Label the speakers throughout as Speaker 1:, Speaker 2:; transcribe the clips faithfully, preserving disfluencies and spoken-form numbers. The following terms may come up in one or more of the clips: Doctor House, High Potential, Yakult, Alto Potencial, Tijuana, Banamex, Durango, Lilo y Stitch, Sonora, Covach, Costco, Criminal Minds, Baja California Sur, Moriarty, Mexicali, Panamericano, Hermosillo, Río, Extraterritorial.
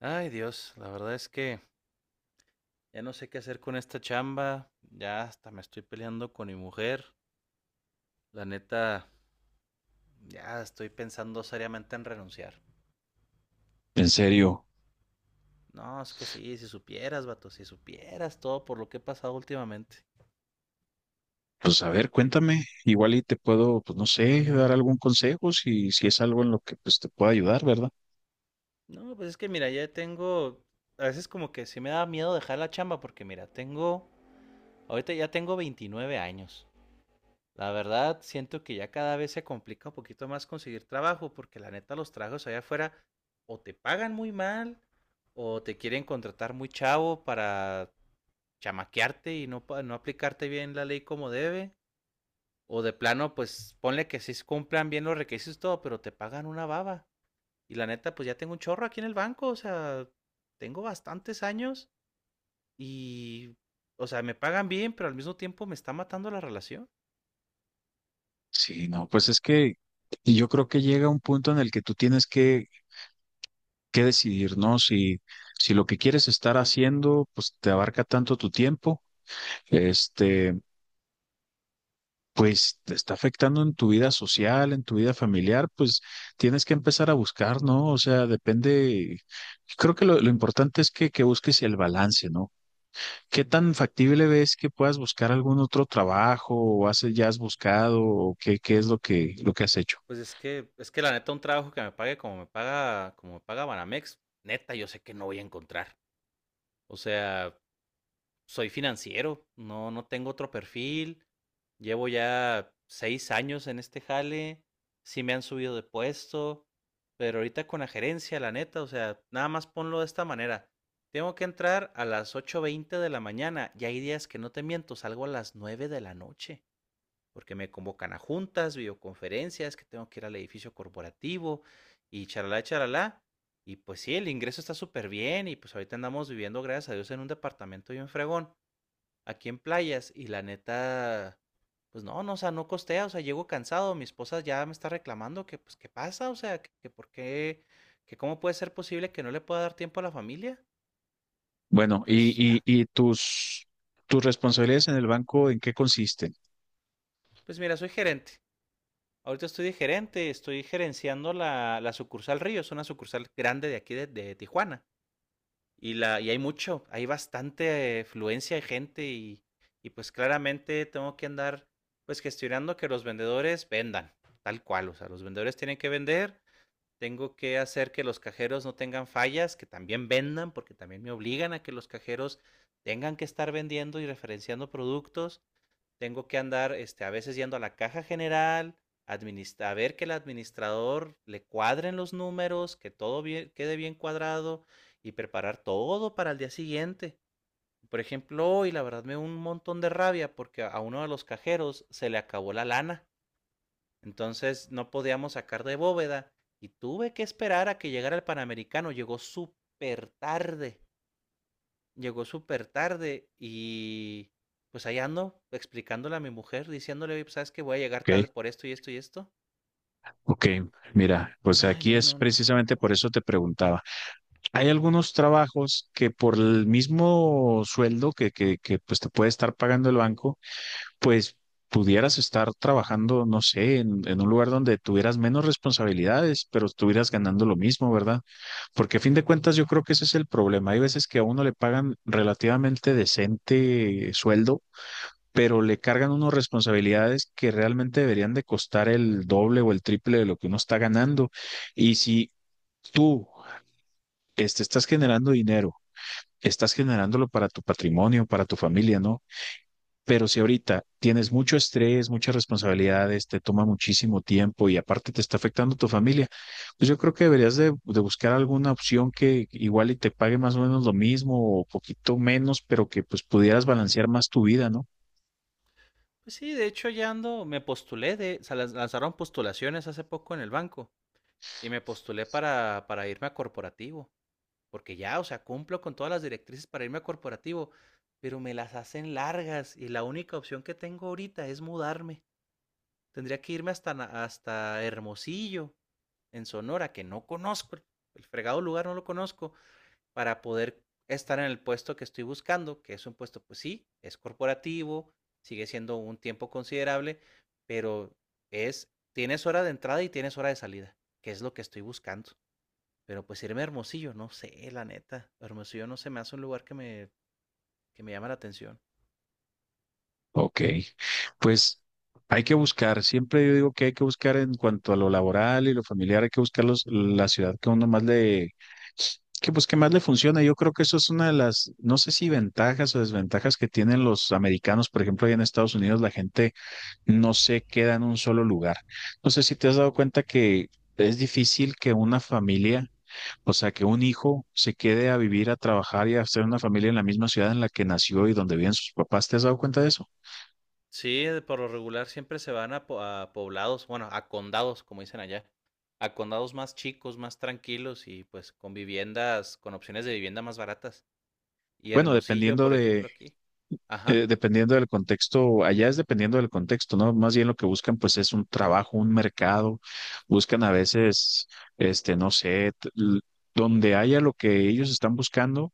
Speaker 1: Ay, Dios, la verdad es que ya no sé qué hacer con esta chamba, ya hasta me estoy peleando con mi mujer, la neta, ya estoy pensando seriamente en renunciar.
Speaker 2: En serio,
Speaker 1: No, es que sí, si supieras, vato, si supieras todo por lo que he pasado últimamente.
Speaker 2: pues a ver, cuéntame, igual y te puedo, pues no sé, dar algún consejo si, si es algo en lo que pues te pueda ayudar, ¿verdad?
Speaker 1: No, pues es que mira, ya tengo, a veces como que sí me da miedo dejar la chamba porque mira, tengo, ahorita ya tengo veintinueve años. La verdad, siento que ya cada vez se complica un poquito más conseguir trabajo, porque la neta los trabajos allá afuera o te pagan muy mal, o te quieren contratar muy chavo para chamaquearte y no, pa- no aplicarte bien la ley como debe, o de plano, pues ponle que sí cumplan bien los requisitos y todo, pero te pagan una baba. Y la neta, pues ya tengo un chorro aquí en el banco, o sea, tengo bastantes años y, o sea, me pagan bien, pero al mismo tiempo me está matando la relación.
Speaker 2: Sí, no, pues es que yo creo que llega un punto en el que tú tienes que, que decidir, ¿no? Si, si lo que quieres estar haciendo, pues te abarca tanto tu tiempo, este, pues te está afectando en tu vida social, en tu vida familiar, pues tienes que empezar a buscar, ¿no? O sea, depende, creo que lo, lo importante es que, que busques el balance, ¿no? ¿Qué tan factible ves que puedas buscar algún otro trabajo o has, ya has buscado o qué, qué es lo que, lo que has hecho?
Speaker 1: Pues es que, es que la neta, un trabajo que me pague como me paga, como me paga Banamex, neta, yo sé que no voy a encontrar. O sea, soy financiero, no, no tengo otro perfil. Llevo ya seis años en este jale. Sí me han subido de puesto. Pero ahorita con la gerencia, la neta, o sea, nada más ponlo de esta manera. Tengo que entrar a las ocho veinte de la mañana y hay días que no te miento, salgo a las nueve de la noche porque me convocan a juntas, videoconferencias, que tengo que ir al edificio corporativo y charalá, charalá. Y pues sí, el ingreso está súper bien y pues ahorita andamos viviendo, gracias a Dios, en un departamento bien fregón, aquí en playas y la neta, pues no, no, o sea, no costea, o sea, llego cansado, mi esposa ya me está reclamando que pues qué pasa, o sea, que, que por qué, que cómo puede ser posible que no le pueda dar tiempo a la familia. Y
Speaker 2: Bueno,
Speaker 1: pues,
Speaker 2: y, y,
Speaker 1: ah,
Speaker 2: y tus, tus responsabilidades en el banco, ¿en qué consisten?
Speaker 1: pues mira, soy gerente. Ahorita estoy de gerente, estoy gerenciando la, la sucursal Río, es una sucursal grande de aquí de, de Tijuana. Y, la, y hay mucho, hay bastante eh, fluencia de gente y, y pues claramente tengo que andar pues gestionando que los vendedores vendan, tal cual, o sea, los vendedores tienen que vender, tengo que hacer que los cajeros no tengan fallas, que también vendan, porque también me obligan a que los cajeros tengan que estar vendiendo y referenciando productos. Tengo que andar este, a veces yendo a la caja general, a ver que el administrador le cuadren los números, que todo bien, quede bien cuadrado y preparar todo para el día siguiente. Por ejemplo, hoy la verdad me dio un montón de rabia porque a uno de los cajeros se le acabó la lana. Entonces no podíamos sacar de bóveda y tuve que esperar a que llegara el Panamericano. Llegó súper tarde. Llegó súper tarde y, pues, ahí ando explicándole a mi mujer, diciéndole: "Oye, pues, ¿sabes qué? Voy a llegar
Speaker 2: Ok,
Speaker 1: tarde por esto y esto y esto".
Speaker 2: ok, mira, pues
Speaker 1: Ay,
Speaker 2: aquí
Speaker 1: no,
Speaker 2: es
Speaker 1: no, no.
Speaker 2: precisamente por eso te preguntaba. Hay algunos trabajos que por el mismo sueldo que, que, que pues te puede estar pagando el banco, pues pudieras estar trabajando, no sé, en en un lugar donde tuvieras menos responsabilidades, pero estuvieras ganando lo mismo, ¿verdad? Porque a fin de cuentas yo creo que ese es el problema. Hay veces que a uno le pagan relativamente decente eh, sueldo, pero le cargan unos responsabilidades que realmente deberían de costar el doble o el triple de lo que uno está ganando. Y si tú este, estás generando dinero, estás generándolo para tu patrimonio, para tu familia, ¿no? Pero si ahorita tienes mucho estrés, muchas responsabilidades, te toma muchísimo tiempo y aparte te está afectando tu familia, pues yo creo que deberías de, de buscar alguna opción que igual y te pague más o menos lo mismo o poquito menos, pero que pues pudieras balancear más tu vida, ¿no?
Speaker 1: Pues sí, de hecho ya ando, me postulé de, se lanz- lanzaron postulaciones hace poco en el banco y me postulé para, para irme a corporativo, porque ya, o sea, cumplo con todas las directrices para irme a corporativo, pero me las hacen largas y la única opción que tengo ahorita es mudarme. Tendría que irme hasta, Na- hasta Hermosillo, en Sonora, que no conozco, el- el fregado lugar no lo conozco, para poder estar en el puesto que estoy buscando, que es un puesto, pues sí, es corporativo, sigue siendo un tiempo considerable, pero es, tienes hora de entrada y tienes hora de salida, que es lo que estoy buscando. Pero pues irme a Hermosillo, no sé, la neta. Hermosillo no se me hace un lugar que me, que me llama la atención.
Speaker 2: Ok, pues hay que buscar, siempre yo digo que hay que buscar en cuanto a lo laboral y lo familiar, hay que buscar los- la ciudad que a uno más le, que pues que más le funciona. Yo creo que eso es una de las, no sé si ventajas o desventajas que tienen los americanos. Por ejemplo, allá en Estados Unidos la gente no se queda en un solo lugar. No sé si te has dado cuenta que es difícil que una familia, o sea, que un hijo se quede a vivir, a trabajar y a hacer una familia en la misma ciudad en la que nació y donde viven sus papás. ¿Te has dado cuenta de eso?
Speaker 1: Sí, de- por lo regular siempre se van a, po- a poblados, bueno, a condados, como dicen allá, a condados más chicos, más tranquilos y pues con viviendas, con opciones de vivienda más baratas. Y
Speaker 2: Bueno,
Speaker 1: Hermosillo,
Speaker 2: dependiendo
Speaker 1: por
Speaker 2: de
Speaker 1: ejemplo, aquí.
Speaker 2: Eh,
Speaker 1: Ajá.
Speaker 2: dependiendo del contexto, allá es dependiendo del contexto, ¿no? Más bien lo que buscan pues es un trabajo, un mercado, buscan a veces, este, no sé, t- l- donde haya lo que ellos están buscando,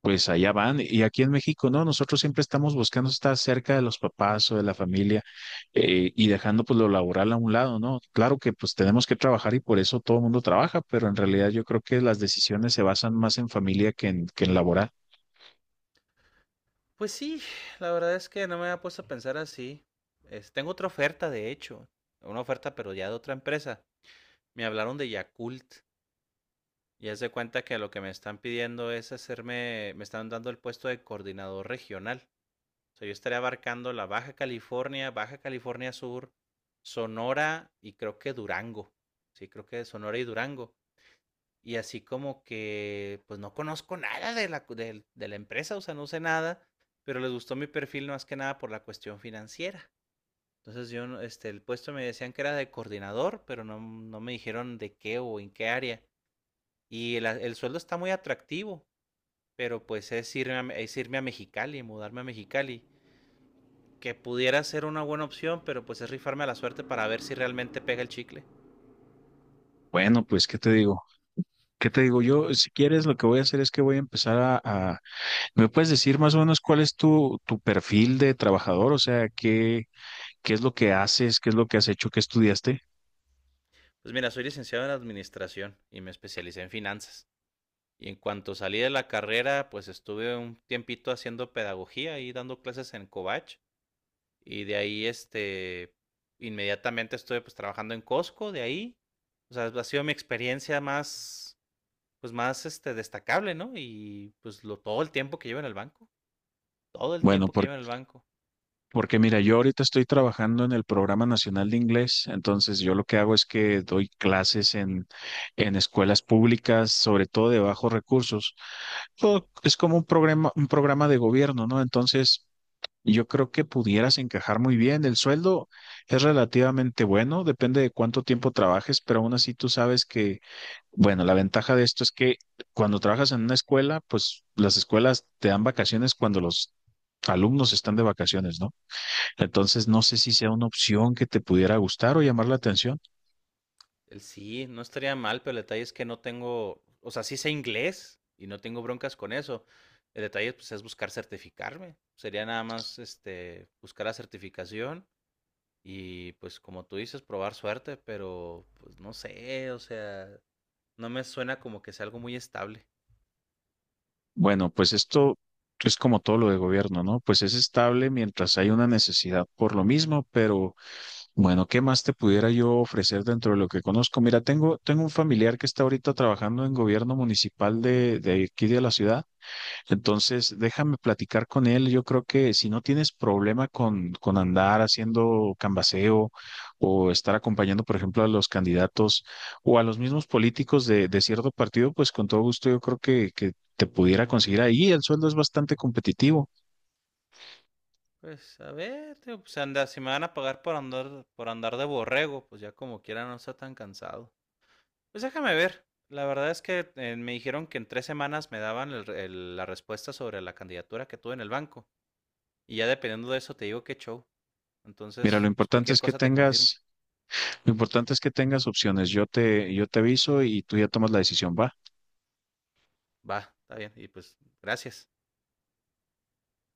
Speaker 2: pues allá van. Y aquí en México, no, nosotros siempre estamos buscando estar cerca de los papás o de la familia eh, y dejando pues lo laboral a un lado, ¿no? Claro que pues tenemos que trabajar y por eso todo el mundo trabaja, pero en realidad yo creo que las decisiones se basan más en familia que en, que en laboral.
Speaker 1: Pues sí, la verdad es que no me había puesto a pensar así. Es- tengo otra oferta, de hecho, una oferta, pero ya de otra empresa. Me hablaron de Yakult y haz de cuenta que lo que me están pidiendo es hacerme, me están dando el puesto de coordinador regional. O sea, yo estaría abarcando la Baja California, Baja California Sur, Sonora y creo que Durango. Sí, creo que Sonora y Durango. Y así como que, pues no conozco nada de la, de, de la empresa, o sea, no sé nada, pero les gustó mi perfil más que nada por la cuestión financiera. Entonces yo, no- este, el puesto me decían que era de coordinador, pero no, no me dijeron de qué o en qué área. Y el, el sueldo está muy atractivo, pero pues es irme a, es irme a Mexicali, mudarme a Mexicali, que pudiera ser una buena opción, pero pues es rifarme a la suerte para ver si realmente pega el chicle.
Speaker 2: Bueno, pues, ¿qué te digo? ¿Qué te digo yo? Si quieres, lo que voy a hacer es que voy a empezar a, a- ¿me puedes decir más o menos cuál es tu, tu perfil de trabajador? O sea, ¿qué, qué es lo que haces? ¿Qué es lo que has hecho? ¿Qué estudiaste?
Speaker 1: Pues mira, soy licenciado en administración y me especialicé en finanzas. Y en cuanto salí de la carrera, pues estuve un tiempito haciendo pedagogía y dando clases en Covach. Y de ahí, este, inmediatamente estuve pues trabajando en Costco, de ahí. O sea, ha sido mi experiencia más, pues más, este, destacable, ¿no? Y pues lo, todo el tiempo que llevo en el banco, todo el
Speaker 2: Bueno,
Speaker 1: tiempo que
Speaker 2: por-
Speaker 1: llevo en el banco.
Speaker 2: porque mira, yo ahorita estoy trabajando en el Programa Nacional de Inglés, entonces yo lo que hago es que doy clases en, en escuelas públicas, sobre todo de bajos recursos. Todo es como un programa, un programa de gobierno, ¿no? Entonces... y yo creo que pudieras encajar muy bien. El sueldo es relativamente bueno, depende de cuánto tiempo trabajes, pero aún así tú sabes que, bueno, la ventaja de esto es que cuando trabajas en una escuela, pues las escuelas te dan vacaciones cuando los alumnos están de vacaciones, ¿no? Entonces, no sé si sea una opción que te pudiera gustar o llamar la atención.
Speaker 1: El sí, no estaría mal, pero el detalle es que no tengo, o sea, sí sé inglés y no tengo broncas con eso. El detalle pues, es buscar certificarme. Sería nada más este, buscar la certificación y pues como tú dices, probar suerte, pero pues no sé, o sea, no me suena como que sea algo muy estable.
Speaker 2: Bueno, pues esto es como todo lo de gobierno, ¿no? Pues es estable mientras hay una necesidad por lo mismo, pero... Bueno, ¿qué más te pudiera yo ofrecer dentro de lo que conozco? Mira, tengo, tengo un familiar que está ahorita trabajando en gobierno municipal de, de aquí de la ciudad. Entonces, déjame platicar con él. Yo creo que si no tienes problema con, con andar haciendo cambaceo o estar acompañando, por ejemplo, a los candidatos o a los mismos políticos de, de cierto partido, pues con todo gusto yo creo que, que te pudiera conseguir ahí. El sueldo es bastante competitivo.
Speaker 1: Pues a ver, tío, pues anda, si me van a pagar por andar, por andar de borrego, pues ya como quiera no está tan cansado. Pues déjame ver. La verdad es que eh, me dijeron que en tres semanas me daban el el- la respuesta sobre la candidatura que tuve en el banco. Y ya dependiendo de eso te digo qué show.
Speaker 2: Mira, lo
Speaker 1: Entonces, pues
Speaker 2: importante
Speaker 1: cualquier
Speaker 2: es que
Speaker 1: cosa te confirmo.
Speaker 2: tengas lo importante es que tengas opciones. Yo te, yo te aviso y tú ya tomas la decisión, ¿va?
Speaker 1: Va, está bien. Y pues, gracias.